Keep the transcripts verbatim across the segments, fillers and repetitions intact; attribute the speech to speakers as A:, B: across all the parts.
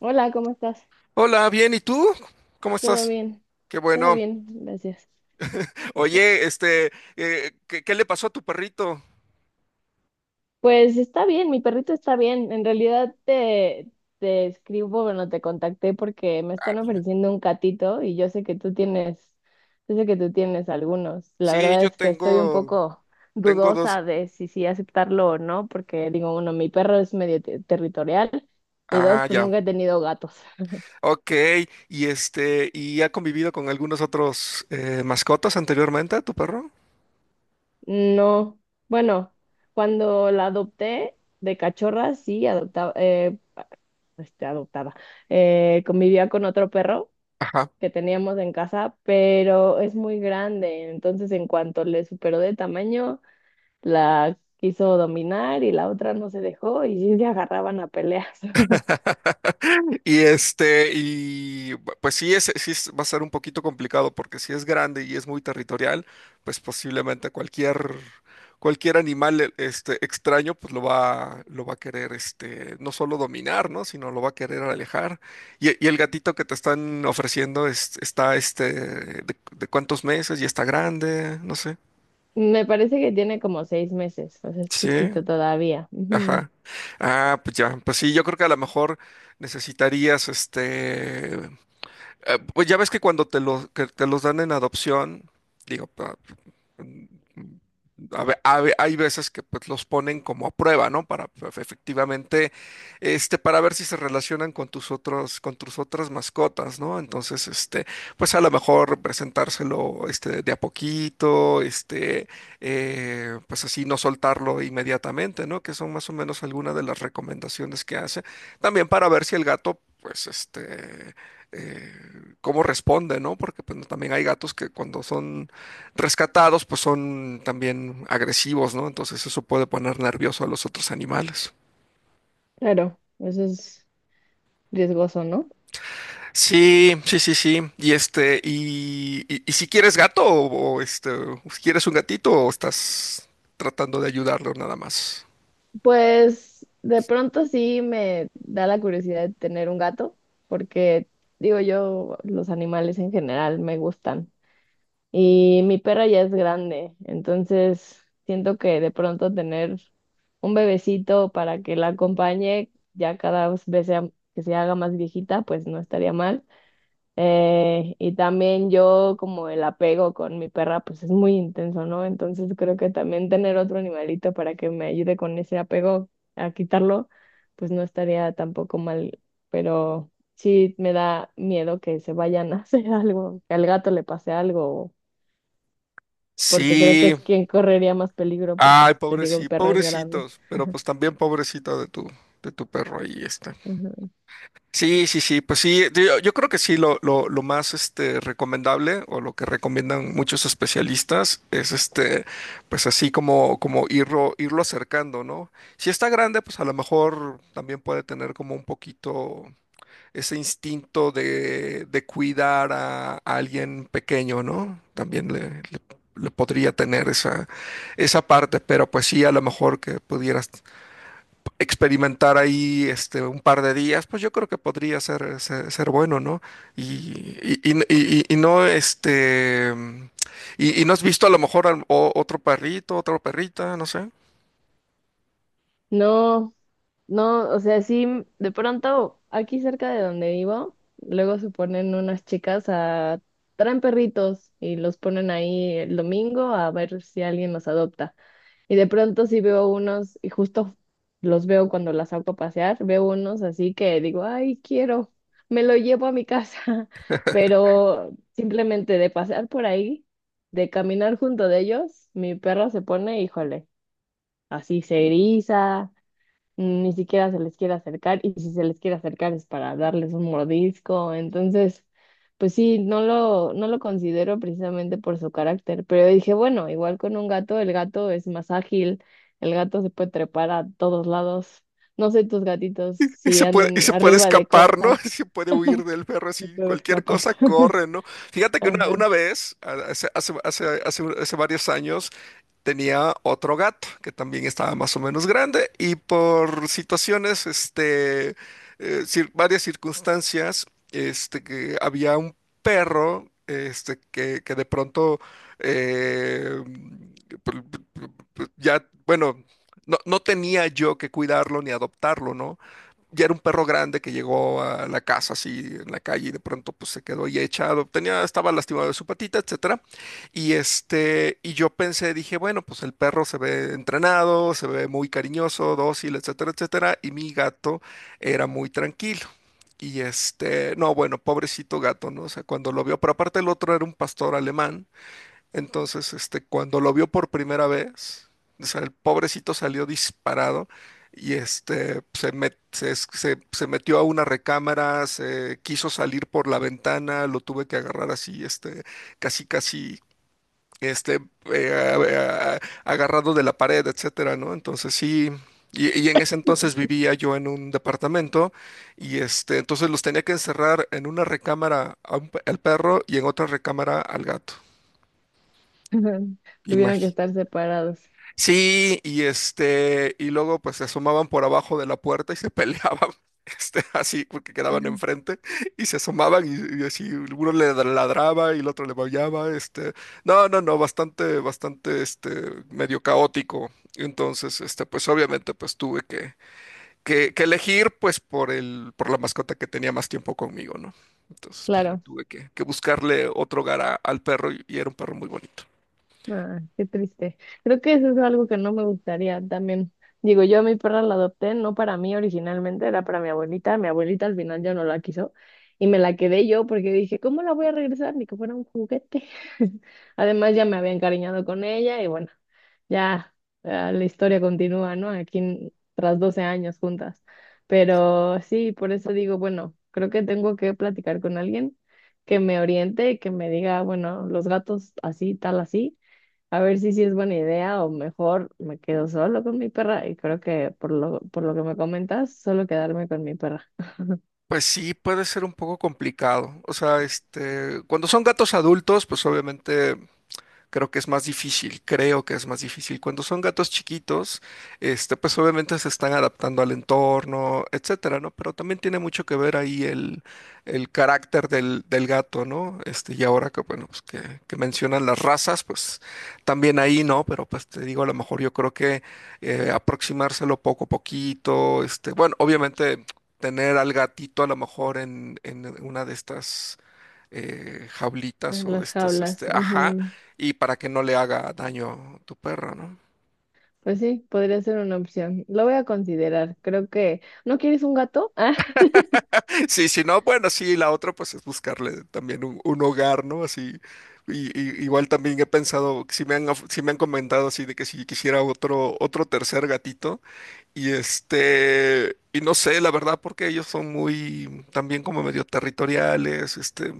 A: Hola, ¿cómo estás?
B: Hola, bien, ¿y tú? ¿Cómo
A: ¿Todo
B: estás?
A: bien?
B: Qué
A: Todo
B: bueno.
A: bien, gracias.
B: Oye, este, eh, ¿qué, qué le pasó a tu perrito?
A: Pues está bien, mi perrito está bien. En realidad te, te escribo, bueno, te contacté porque me
B: Ah,
A: están
B: dime.
A: ofreciendo un catito y yo sé que tú tienes, yo sé que tú tienes algunos. La
B: Sí,
A: verdad
B: yo
A: es que estoy un
B: tengo,
A: poco
B: tengo dos.
A: dudosa de si sí aceptarlo o no, porque digo, uno, mi perro es medio te- territorial y dos,
B: Ah,
A: pues
B: ya.
A: nunca he tenido gatos.
B: Ok. Y este, ¿y ha convivido con algunos otros eh, mascotas anteriormente, tu perro?
A: No, bueno, cuando la adopté de cachorra, sí, adoptaba. este, adoptada, eh, convivía con otro perro
B: Ajá.
A: que teníamos en casa, pero es muy grande, entonces en cuanto le superó de tamaño, la quiso dominar y la otra no se dejó y sí se agarraban a peleas.
B: Y este, y bu- pues sí, es, sí es- va a ser un poquito complicado porque si es grande y es muy territorial, pues posiblemente cualquier, cualquier animal e- este, extraño pues lo va, lo va a querer este, no solo dominar, ¿no? Sino lo va a querer alejar. Y, y el gatito que te están ofreciendo es- está este, de, de cuántos meses y está grande, no sé.
A: Me parece que tiene como seis meses, o sea, es
B: Sí,
A: chiquito todavía. Ujú.
B: ajá. Ah, pues ya, pues sí, yo creo que a lo mejor necesitarías este. Eh, pues ya ves que cuando te, lo- que te los dan en adopción, digo, pa- mm, a ve- a ve- hay veces que pues, los ponen como a prueba, ¿no? Para pues, efectivamente, este, para ver si se relacionan con tus otros, con tus otras mascotas, ¿no? Entonces, este, pues a lo mejor presentárselo, este, de a poquito, este, eh, pues así no soltarlo inmediatamente, ¿no? Que son más o menos algunas de las recomendaciones que hace. También para ver si el gato, pues, este, eh, cómo responde, ¿no? Porque pues, no, también hay gatos que cuando son rescatados, pues son también agresivos, ¿no? Entonces eso puede poner nervioso a los otros animales.
A: Claro, eso es riesgoso, ¿no?
B: Sí, sí, sí, sí. Y este, y, y- y si quieres gato o, o, este, si quieres un gatito o estás tratando de ayudarlo nada más.
A: Pues de pronto sí me da la curiosidad de tener un gato, porque digo yo, los animales en general me gustan. Y mi perra ya es grande, entonces siento que de pronto tener un bebecito para que la acompañe ya cada vez sea- que se haga más viejita, pues no estaría mal. Eh, y también yo como el apego con mi perra, pues es muy intenso, ¿no? Entonces creo que también tener otro animalito para que me ayude con ese apego a quitarlo, pues no estaría tampoco mal, pero sí me da miedo que se vayan a hacer algo, que al gato le pase algo porque creo que
B: Sí,
A: es quien correría más peligro, porque
B: ay,
A: pues te digo, el
B: pobrecito,
A: perro es grande.
B: pobrecitos, pero pues también pobrecito de tu, de tu perro ahí, este.
A: Ujú.
B: Sí, sí, sí, pues sí, yo, yo creo que sí, lo, lo, lo más este, recomendable o lo que recomiendan muchos especialistas es este, pues así como, como irlo, irlo acercando, ¿no? Si está grande, pues a lo mejor también puede tener como un poquito ese instinto de, de cuidar a, a alguien pequeño, ¿no? También le, le- le podría tener esa, esa parte, pero pues sí, a lo mejor que pudieras experimentar ahí este, un par de días, pues yo creo que podría ser, ser, ser bueno, ¿no? Y, y- y- y- y no, este, y, y no has visto a lo mejor al- o- otro perrito, otra perrita, no sé.
A: No, no, o sea, sí, de pronto aquí cerca de donde vivo, luego se ponen unas chicas a traen perritos y los ponen ahí el domingo a ver si alguien los adopta. Y de pronto sí veo unos, y justo los veo cuando las saco a pasear, veo unos así que digo, ay, quiero, me lo llevo a mi casa, pero simplemente de pasear por ahí, de caminar junto de ellos, mi perro se pone, híjole, así se eriza, mm, ni siquiera se les quiere acercar y si se les quiere acercar es para darles un mordisco. Entonces, pues sí, no lo, no lo considero precisamente por su carácter, pero dije, bueno, igual con un gato, el gato es más ágil, el gato se puede trepar a todos lados. No sé tus gatitos
B: Y
A: si
B: se puede, y
A: anden
B: se puede
A: arriba de
B: escapar, ¿no?
A: cosas,
B: Se puede huir del perro
A: se
B: así,
A: puede
B: cualquier
A: escapar
B: cosa
A: también.
B: corre, ¿no? Fíjate que una,
A: Ajá.
B: una vez, a- hace, hace, hace, hace- hace varios años, tenía otro gato que también estaba más o menos grande y por situaciones, este, eh, cir- varias circunstancias, este, que había un perro, este, que, que de pronto, eh, pr- pr- pr- pr- ya, bueno, no, no tenía yo que cuidarlo ni adoptarlo, ¿no? Ya era un perro grande que llegó a la casa así en la calle y de pronto pues se quedó ya echado, tenía, estaba lastimado de su patita, etcétera. Y este, y yo pensé, dije, bueno, pues el perro se ve entrenado, se ve muy cariñoso, dócil, etcétera, etcétera, y mi gato era muy tranquilo. Y este, no, bueno, pobrecito gato, ¿no? O sea, cuando lo vio, pero aparte el otro era un pastor alemán, entonces, este, cuando lo vio por primera vez, o sea, el pobrecito salió disparado y este, se, met- se, es- se- se metió a una recámara, se quiso salir por la ventana, lo tuve que agarrar así, este, casi, casi, este, eh, a- a- agarrado de la pared, etcétera, ¿no? Entonces, sí. Y, y en ese entonces vivía yo en un departamento y este, entonces los tenía que encerrar en una recámara a un pe- al perro y en otra recámara al gato.
A: Tuvieron que
B: Imagínate.
A: estar separados.
B: Sí, y este, y luego pues se asomaban por abajo de la puerta y se peleaban, este, así, porque quedaban enfrente, y se asomaban y, y así, uno le ladraba y el otro le maullaba, este, no, no, no, bastante, bastante, este, medio caótico. Entonces, este, pues obviamente pues tuve que, que, que elegir pues por el, por la mascota que tenía más tiempo conmigo, ¿no? Entonces, pues ya
A: Claro.
B: tuve que, que buscarle otro hogar a- al perro y y era un perro muy bonito.
A: Ah, qué triste. Creo que eso es algo que no me gustaría también. Digo, yo a mi perra la adopté, no para mí originalmente, era para mi abuelita. Mi abuelita al final ya no la quiso y me la quedé yo porque dije, ¿cómo la voy a regresar? Ni que fuera un juguete. Además, ya me había encariñado con ella y bueno, ya, ah, la historia continúa, ¿no? Aquí en- tras doce años juntas. Pero sí, por eso digo, bueno, creo que tengo que platicar con alguien que me oriente y que me diga, bueno, los gatos así, tal, así a ver si sí es buena idea o mejor me quedo solo con mi perra y creo que por lo, por lo que me comentas, solo quedarme con mi perra.
B: Pues sí, puede ser un poco complicado. O sea, este, cuando son gatos adultos, pues obviamente creo que es más difícil, creo que es más difícil. Cuando son gatos chiquitos, este, pues obviamente se están adaptando al entorno, etcétera, ¿no? Pero también tiene mucho que ver ahí el, el carácter del, del gato, ¿no? Este, y ahora que, bueno, pues que, que mencionan las razas, pues también ahí, ¿no? Pero pues te digo, a lo mejor yo creo que eh, aproximárselo poco a poquito, este, bueno, obviamente tener al gatito a lo mejor en, en una de estas eh, jaulitas
A: En
B: o de
A: Las
B: estas,
A: jaulas,
B: este, ajá,
A: ujú.
B: y para que no le haga daño tu perro, ¿no?
A: Pues sí, podría ser una opción. Lo voy a considerar. Creo que... ¿No quieres un gato? Ah,
B: Sí, si no, bueno, sí, la otra pues es buscarle también un, un hogar, ¿no? Así, y, y- igual también he pensado, si me han, of- sí me han comentado así de que si quisiera otro, otro tercer gatito, y este, y no sé, la verdad, porque ellos son muy, también como medio territoriales, este,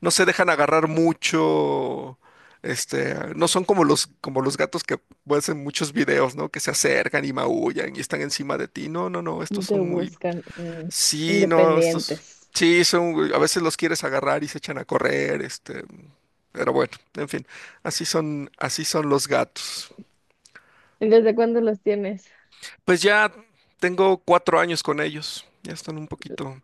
B: no se dejan agarrar mucho, este, no son como los, como los gatos que ves en muchos videos, ¿no? Que se acercan y maullan y están encima de ti. No, no, no, estos
A: te
B: son muy,
A: buscan. mm,
B: sí, no, estos,
A: Independientes.
B: sí, son, a veces los quieres agarrar y se echan a correr, este, pero bueno, en fin, así son, así son los gatos.
A: ¿Y desde cuándo los tienes?
B: Pues ya tengo cuatro años con ellos, ya están un poquito,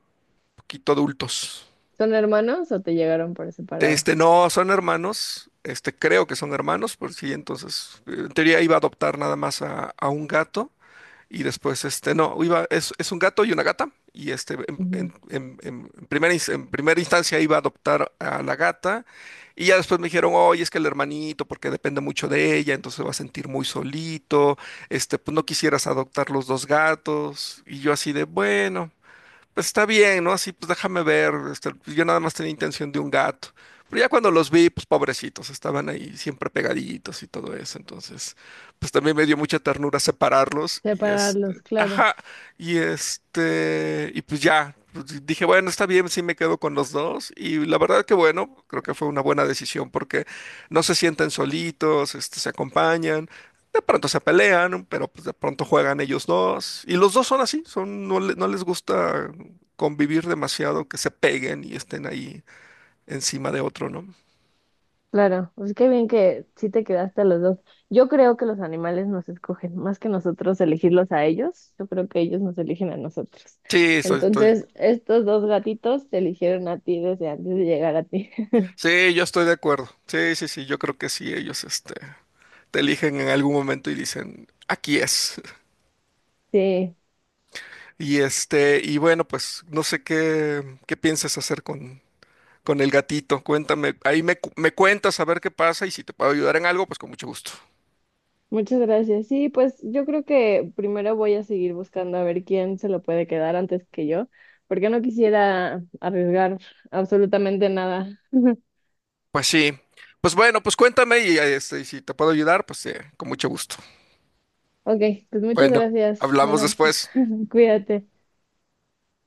B: poquito adultos.
A: ¿Son hermanos o te llegaron por separado?
B: Este, no, son hermanos. Este, creo que son hermanos, por si entonces, eh, en teoría iba a adoptar nada más a, a un gato y después, este, no, iba, es, es un gato y una gata y este, en,
A: Ujú.
B: en- en- en- en primera, ins- en primera instancia iba a adoptar a la gata y ya después me dijeron, oye, es que el hermanito, porque depende mucho de ella, entonces se va a sentir muy solito, este, pues no quisieras adoptar los dos gatos y yo así de, bueno, pues está bien, ¿no? Así, pues déjame ver, este, pues, yo nada más tenía intención de un gato. Pero ya cuando los vi, pues pobrecitos, estaban ahí siempre pegaditos y todo eso. Entonces, pues también me dio mucha ternura separarlos y este,
A: Separarlos, claro.
B: ajá, y este, y pues ya, pues, dije, bueno, está bien, sí me quedo con los dos. Y la verdad que bueno, creo que fue una buena decisión porque no se sienten solitos, este, se acompañan. De pronto se pelean, pero pues de pronto juegan ellos dos. Y los dos son así, son, no, le- no les gusta convivir demasiado, que se peguen y estén ahí encima de otro, ¿no?
A: Claro, pues qué bien que sí te quedaste a los dos. Yo creo que los animales nos escogen, más que nosotros elegirlos a ellos, yo creo que ellos nos eligen a nosotros.
B: Sí, estoy- estoy-
A: Entonces, estos dos gatitos te eligieron a ti desde antes de llegar a ti.
B: sí, yo estoy de acuerdo. Sí, sí, sí, yo creo que sí, ellos, este, te eligen en algún momento y dicen, aquí es.
A: Sí,
B: Y este, y bueno, pues no sé qué, qué piensas hacer con, con el gatito. Cuéntame, ahí me, cu- me cuentas a ver qué pasa y si te puedo ayudar en algo, pues con mucho gusto.
A: muchas gracias. Sí, pues yo creo que primero voy a seguir buscando a ver quién se lo puede quedar antes que yo, porque no quisiera arriesgar absolutamente nada.
B: Pues sí. Pues bueno, pues cuéntame y este, y si te puedo ayudar, pues eh, con mucho gusto.
A: Ok, pues muchas
B: Bueno,
A: gracias.
B: hablamos
A: Bueno,
B: después.
A: cuídate.